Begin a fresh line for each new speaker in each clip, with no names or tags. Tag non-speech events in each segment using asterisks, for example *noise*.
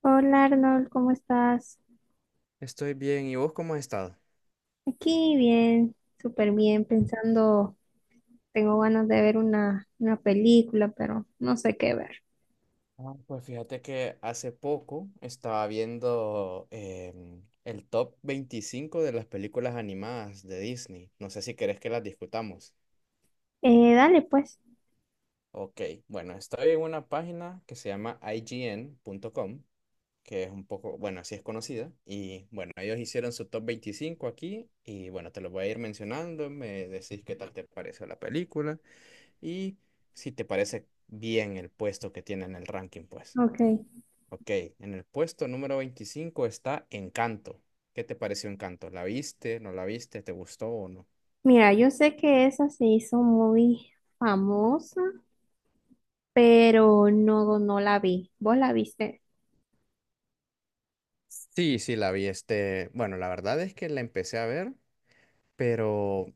Hola Arnold, ¿cómo estás?
Estoy bien. ¿Y vos cómo has estado?
Aquí bien, súper bien, pensando, tengo ganas de ver una película, pero no sé qué ver.
Ah, pues fíjate que hace poco estaba viendo el top 25 de las películas animadas de Disney. No sé si querés que las discutamos.
Dale pues,
Ok, bueno, estoy en una página que se llama IGN.com, que es un poco, bueno, así es conocida. Y bueno, ellos hicieron su top 25 aquí y bueno, te lo voy a ir mencionando, me decís qué tal te pareció la película y si te parece bien el puesto que tiene en el ranking, pues.
ok.
Ok, en el puesto número 25 está Encanto. ¿Qué te pareció Encanto? ¿La viste? ¿No la viste? ¿Te gustó o no?
Mira, yo sé que esa se hizo muy famosa, pero no, no la vi. ¿Vos la viste?
Sí, sí, la vi. Este, bueno, la verdad es que la empecé a ver, pero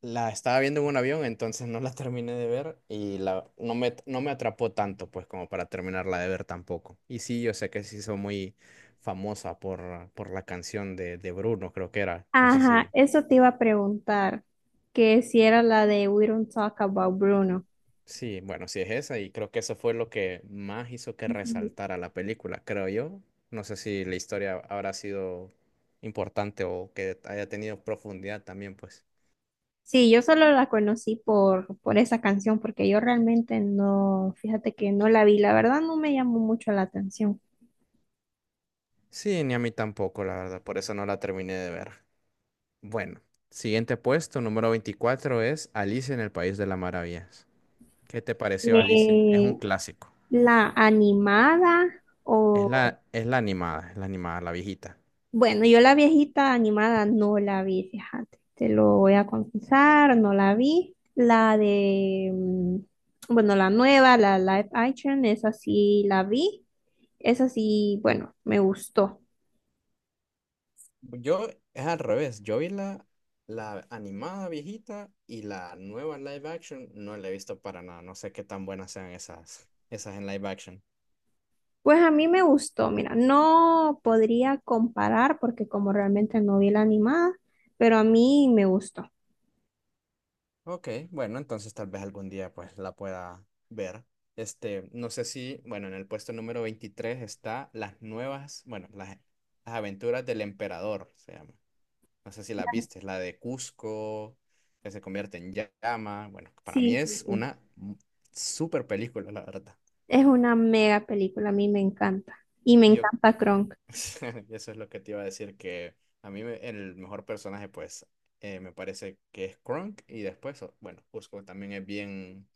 la estaba viendo en un avión, entonces no la *laughs* terminé de ver no me atrapó tanto, pues, como para terminarla de ver tampoco. Y sí, yo sé que se hizo muy famosa por la canción de Bruno, creo que era. No sé
Ajá,
si.
eso te iba a preguntar, que si era la de We Don't Talk About Bruno.
Sí, bueno, sí es esa y creo que eso fue lo que más hizo que resaltara la película, creo yo. No sé si la historia habrá sido importante o que haya tenido profundidad también, pues.
Sí, yo solo la conocí por esa canción, porque yo realmente no, fíjate que no la vi, la verdad no me llamó mucho la atención.
Sí, ni a mí tampoco, la verdad, por eso no la terminé de ver. Bueno, siguiente puesto, número 24, es Alicia en el País de las Maravillas. ¿Qué te pareció Alicia? Es un
Eh,
clásico.
la animada o,
Es la animada, la viejita.
bueno, yo la viejita animada no la vi, fíjate, te lo voy a confesar, no la vi. La de, bueno, la nueva, la live action, esa sí la vi, esa sí, bueno, me gustó.
Yo es al revés, la animada viejita, y la nueva live action no la he visto para nada, no sé qué tan buenas sean esas en live action.
Pues a mí me gustó, mira, no podría comparar porque como realmente no vi la animada, pero a mí me gustó.
Ok, bueno, entonces tal vez algún día pues la pueda ver. Este, no sé si, bueno, en el puesto número 23 está las nuevas, bueno, las aventuras del emperador, se llama. No sé si la viste, es la de Cusco, que se convierte en llama. Bueno, para mí
Sí, sí,
es
sí.
una super película, la verdad.
Es una mega película, a mí me encanta. Y me
Y yo
encanta Kronk.
*laughs* eso es lo que te iba a decir, que el mejor personaje, pues, me parece que es Krunk y después, bueno, Cusco también es bien,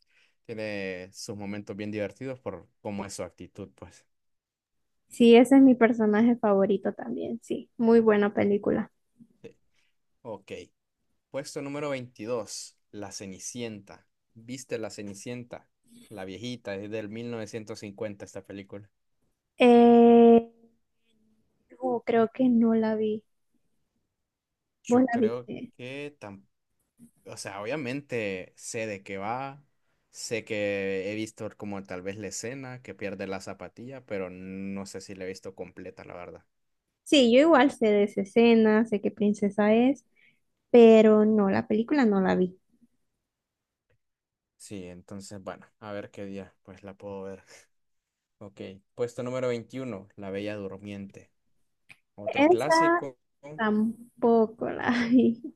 tiene sus momentos bien divertidos por cómo es su actitud, pues.
Sí, ese es mi personaje favorito también, sí. Muy buena película.
Sí. Ok, puesto número 22. La Cenicienta. ¿Viste La Cenicienta? La viejita, es del 1950 esta película.
Eh, oh, creo que no la vi. ¿Vos
Yo
la
creo
viste?
que O sea, obviamente sé de qué va, sé que he visto como tal vez la escena que pierde la zapatilla, pero no sé si la he visto completa, la verdad.
Sí, yo igual sé de esa escena, sé qué princesa es, pero no, la película no la vi.
Sí, entonces, bueno, a ver qué día, pues la puedo ver. Ok, puesto número 21. La Bella Durmiente. Otro
Esa
clásico.
tampoco la *laughs* vi.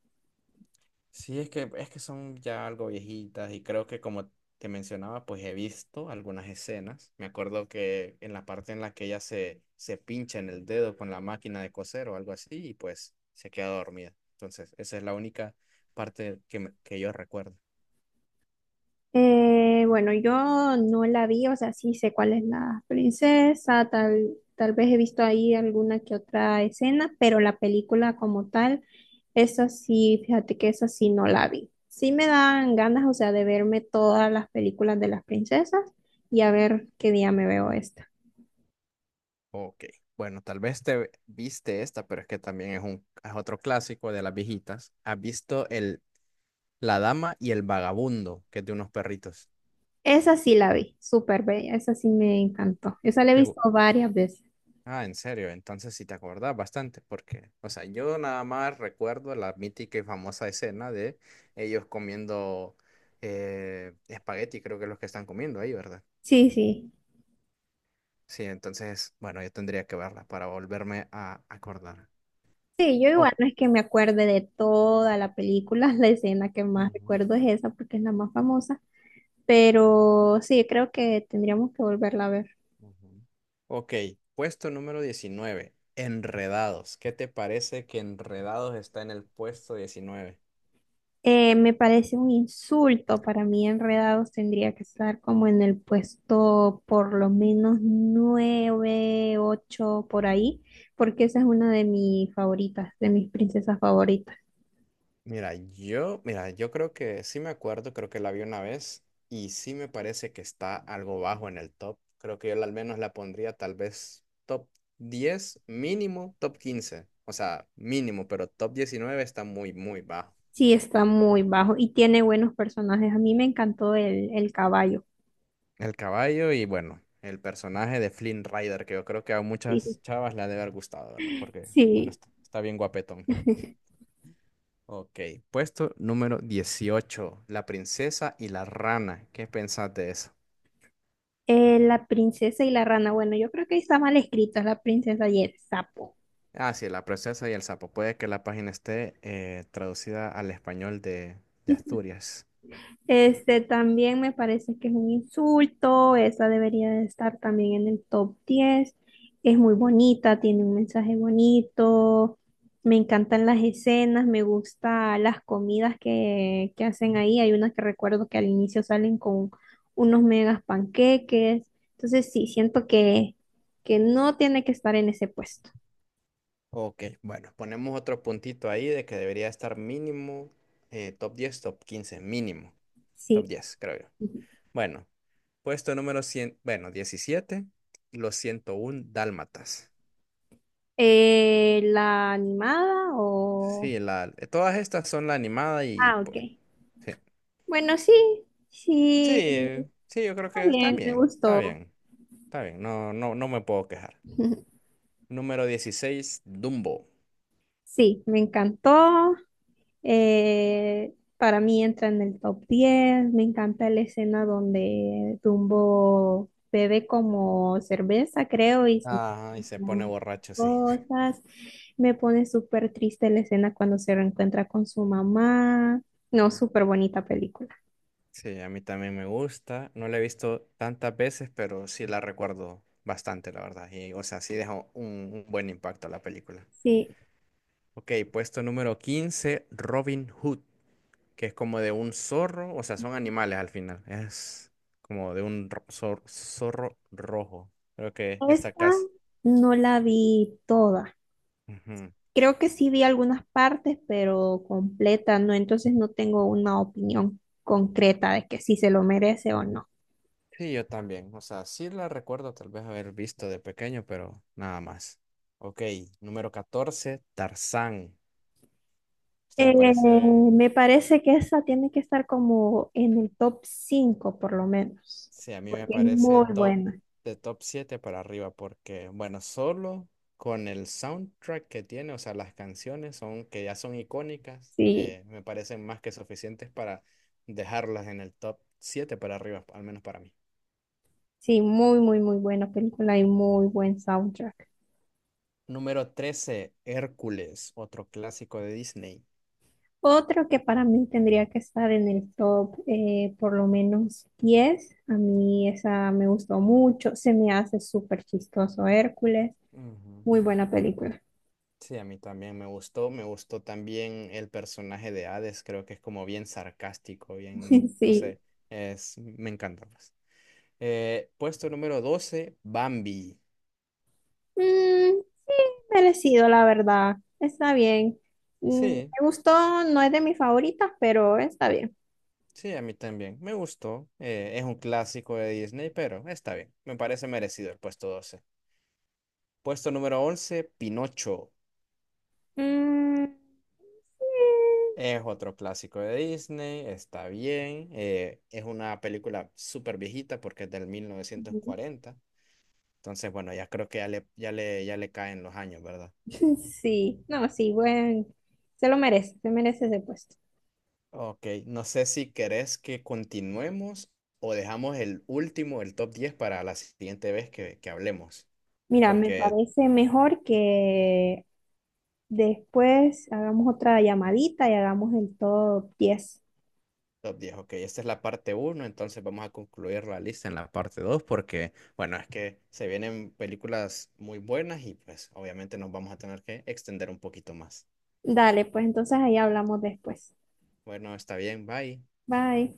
Sí, es que son ya algo viejitas, y creo que como te mencionaba, pues he visto algunas escenas. Me acuerdo que en la parte en la que ella se pincha en el dedo con la máquina de coser o algo así, y pues se queda dormida. Entonces, esa es la única parte que yo recuerdo.
Bueno, yo no la vi, o sea, sí sé cuál es la princesa, tal vez he visto ahí alguna que otra escena, pero la película como tal, esa sí, fíjate que esa sí no la vi. Sí me dan ganas, o sea, de verme todas las películas de las princesas y a ver qué día me veo esta.
Ok, bueno, tal vez te viste esta, pero es que también es otro clásico de las viejitas. ¿Has visto el La Dama y el Vagabundo, que es de unos perritos?
Esa sí la vi, súper bella, esa sí me encantó. Esa la he visto varias veces.
Ah, en serio, entonces sí te acordás bastante, porque, o sea, yo nada más recuerdo la mítica y famosa escena de ellos comiendo espagueti, creo que es lo que están comiendo ahí, ¿verdad?
Sí, sí.
Sí, entonces, bueno, yo tendría que verla para volverme a acordar.
Sí, yo igual
Oh.
no es que me acuerde de toda la película, *laughs* la escena que más
Ujú,
recuerdo es esa porque es la más famosa, pero sí, creo que tendríamos que volverla a ver.
ujú. Ok, puesto número 19. Enredados. ¿Qué te parece que Enredados está en el puesto 19?
Me parece un insulto para mí, Enredados tendría que estar como en el puesto por lo menos nueve, ocho, por ahí, porque esa es una de mis favoritas, de mis princesas favoritas.
Mira, yo creo que sí me acuerdo, creo que la vi una vez y sí me parece que está algo bajo en el top. Creo que yo al menos la pondría tal vez top 10, mínimo top 15, o sea, mínimo, pero top 19 está muy, muy bajo.
Sí, está muy bajo y tiene buenos personajes. A mí me encantó el caballo.
El caballo y bueno, el personaje de Flynn Rider, que yo creo que a
Sí.
muchas chavas le ha de haber gustado, ¿verdad? Porque, bueno,
Sí.
está bien guapetón.
*laughs*
Ok, puesto número 18. La princesa y la rana. ¿Qué pensás de eso?
La princesa y la rana. Bueno, yo creo que ahí está mal escrito, es la princesa y el sapo.
Ah, sí, la princesa y el sapo. Puede que la página esté traducida al español de Asturias.
Este también me parece que es un insulto, esa debería de estar también en el top 10. Es muy bonita, tiene un mensaje bonito, me encantan las escenas, me gustan las comidas que hacen ahí. Hay unas que recuerdo que al inicio salen con unos megas panqueques. Entonces sí, siento que no tiene que estar en ese puesto.
Ok, bueno, ponemos otro puntito ahí de que debería estar mínimo top 10, top 15, mínimo. Top
Sí.
10, creo yo.
Ujú.
Bueno, 17, los 101 dálmatas.
¿La animada o...?
Sí, todas estas son la animada y
Ah, ok.
pues, sí.
Bueno, sí, sí,
Sí, sí, yo creo
está
que está
bien, me
bien,
gustó.
está bien. No, no, no me puedo quejar.
*laughs*
Número 16. Dumbo.
Sí, me encantó. Para mí entra en el top 10. Me encanta la escena donde Dumbo bebe como cerveza, creo, y se
Ajá, y se pone
encuentran
borracho, sí.
cosas. Me pone súper triste la escena cuando se reencuentra con su mamá. No,
Mm.
súper bonita película.
Sí, a mí también me gusta. No la he visto tantas veces, pero sí la recuerdo bastante, la verdad. Y, o sea, sí deja un buen impacto la película.
Sí,
Ok, puesto número 15. Robin Hood, que es como de un zorro, o sea, son animales al final. Es como de un zorro rojo. Creo que esta
esta
casa.
no la vi toda. Creo que sí vi algunas partes, pero completa, no, entonces no tengo una opinión concreta de que si se lo merece o no.
Sí, yo también. O sea, sí la recuerdo tal vez haber visto de pequeño, pero nada más. Ok, número 14. Tarzán. Esta me
Eh,
parece,
me parece que esa tiene que estar como en el top 5 por lo menos,
sí, a mí
porque
me
es
parece
muy
top
buena.
de top 7 para arriba, porque, bueno, solo con el soundtrack que tiene, o sea, las canciones son, que ya son icónicas,
Sí,
me parecen más que suficientes para dejarlas en el top 7 para arriba, al menos para mí.
sí, muy, muy, muy buena película y muy buen soundtrack.
Número 13. Hércules, otro clásico de Disney.
Otro que para mí tendría que estar en el top por lo menos 10. A mí esa me gustó mucho, se me hace súper chistoso Hércules.
Ujú.
Muy buena película.
Sí, a mí también me gustó también el personaje de Hades, creo que es como bien sarcástico, bien,
*laughs*
no
Sí.
sé, me encanta pues. Puesto número 12. Bambi.
Mm, sí, merecido, la verdad. Está bien.
Sí,
Me gustó, no es de mis favoritas, pero está bien.
sí, a mí también, me gustó, es un clásico de Disney, pero está bien, me parece merecido el puesto 12. Puesto número 11. Pinocho.
Mm, sí.
Es otro clásico de Disney, está bien, es una película súper viejita porque es del mil novecientos
Ujú.
cuarenta Entonces, bueno, ya creo que ya le caen los años, ¿verdad?
*laughs* Sí, no, sí, bueno. Se lo merece, se merece ese puesto.
Ok, no sé si querés que continuemos o dejamos el último, el top 10, para la siguiente vez que hablemos.
Mira, me
Porque
parece mejor que después hagamos otra llamadita y hagamos el top 10.
top 10, ok, esta es la parte uno, entonces vamos a concluir la lista en la parte 2 porque, bueno, es que se vienen películas muy buenas y pues obviamente nos vamos a tener que extender un poquito más.
Dale, pues entonces ahí hablamos después.
Bueno, está bien, bye.
Bye.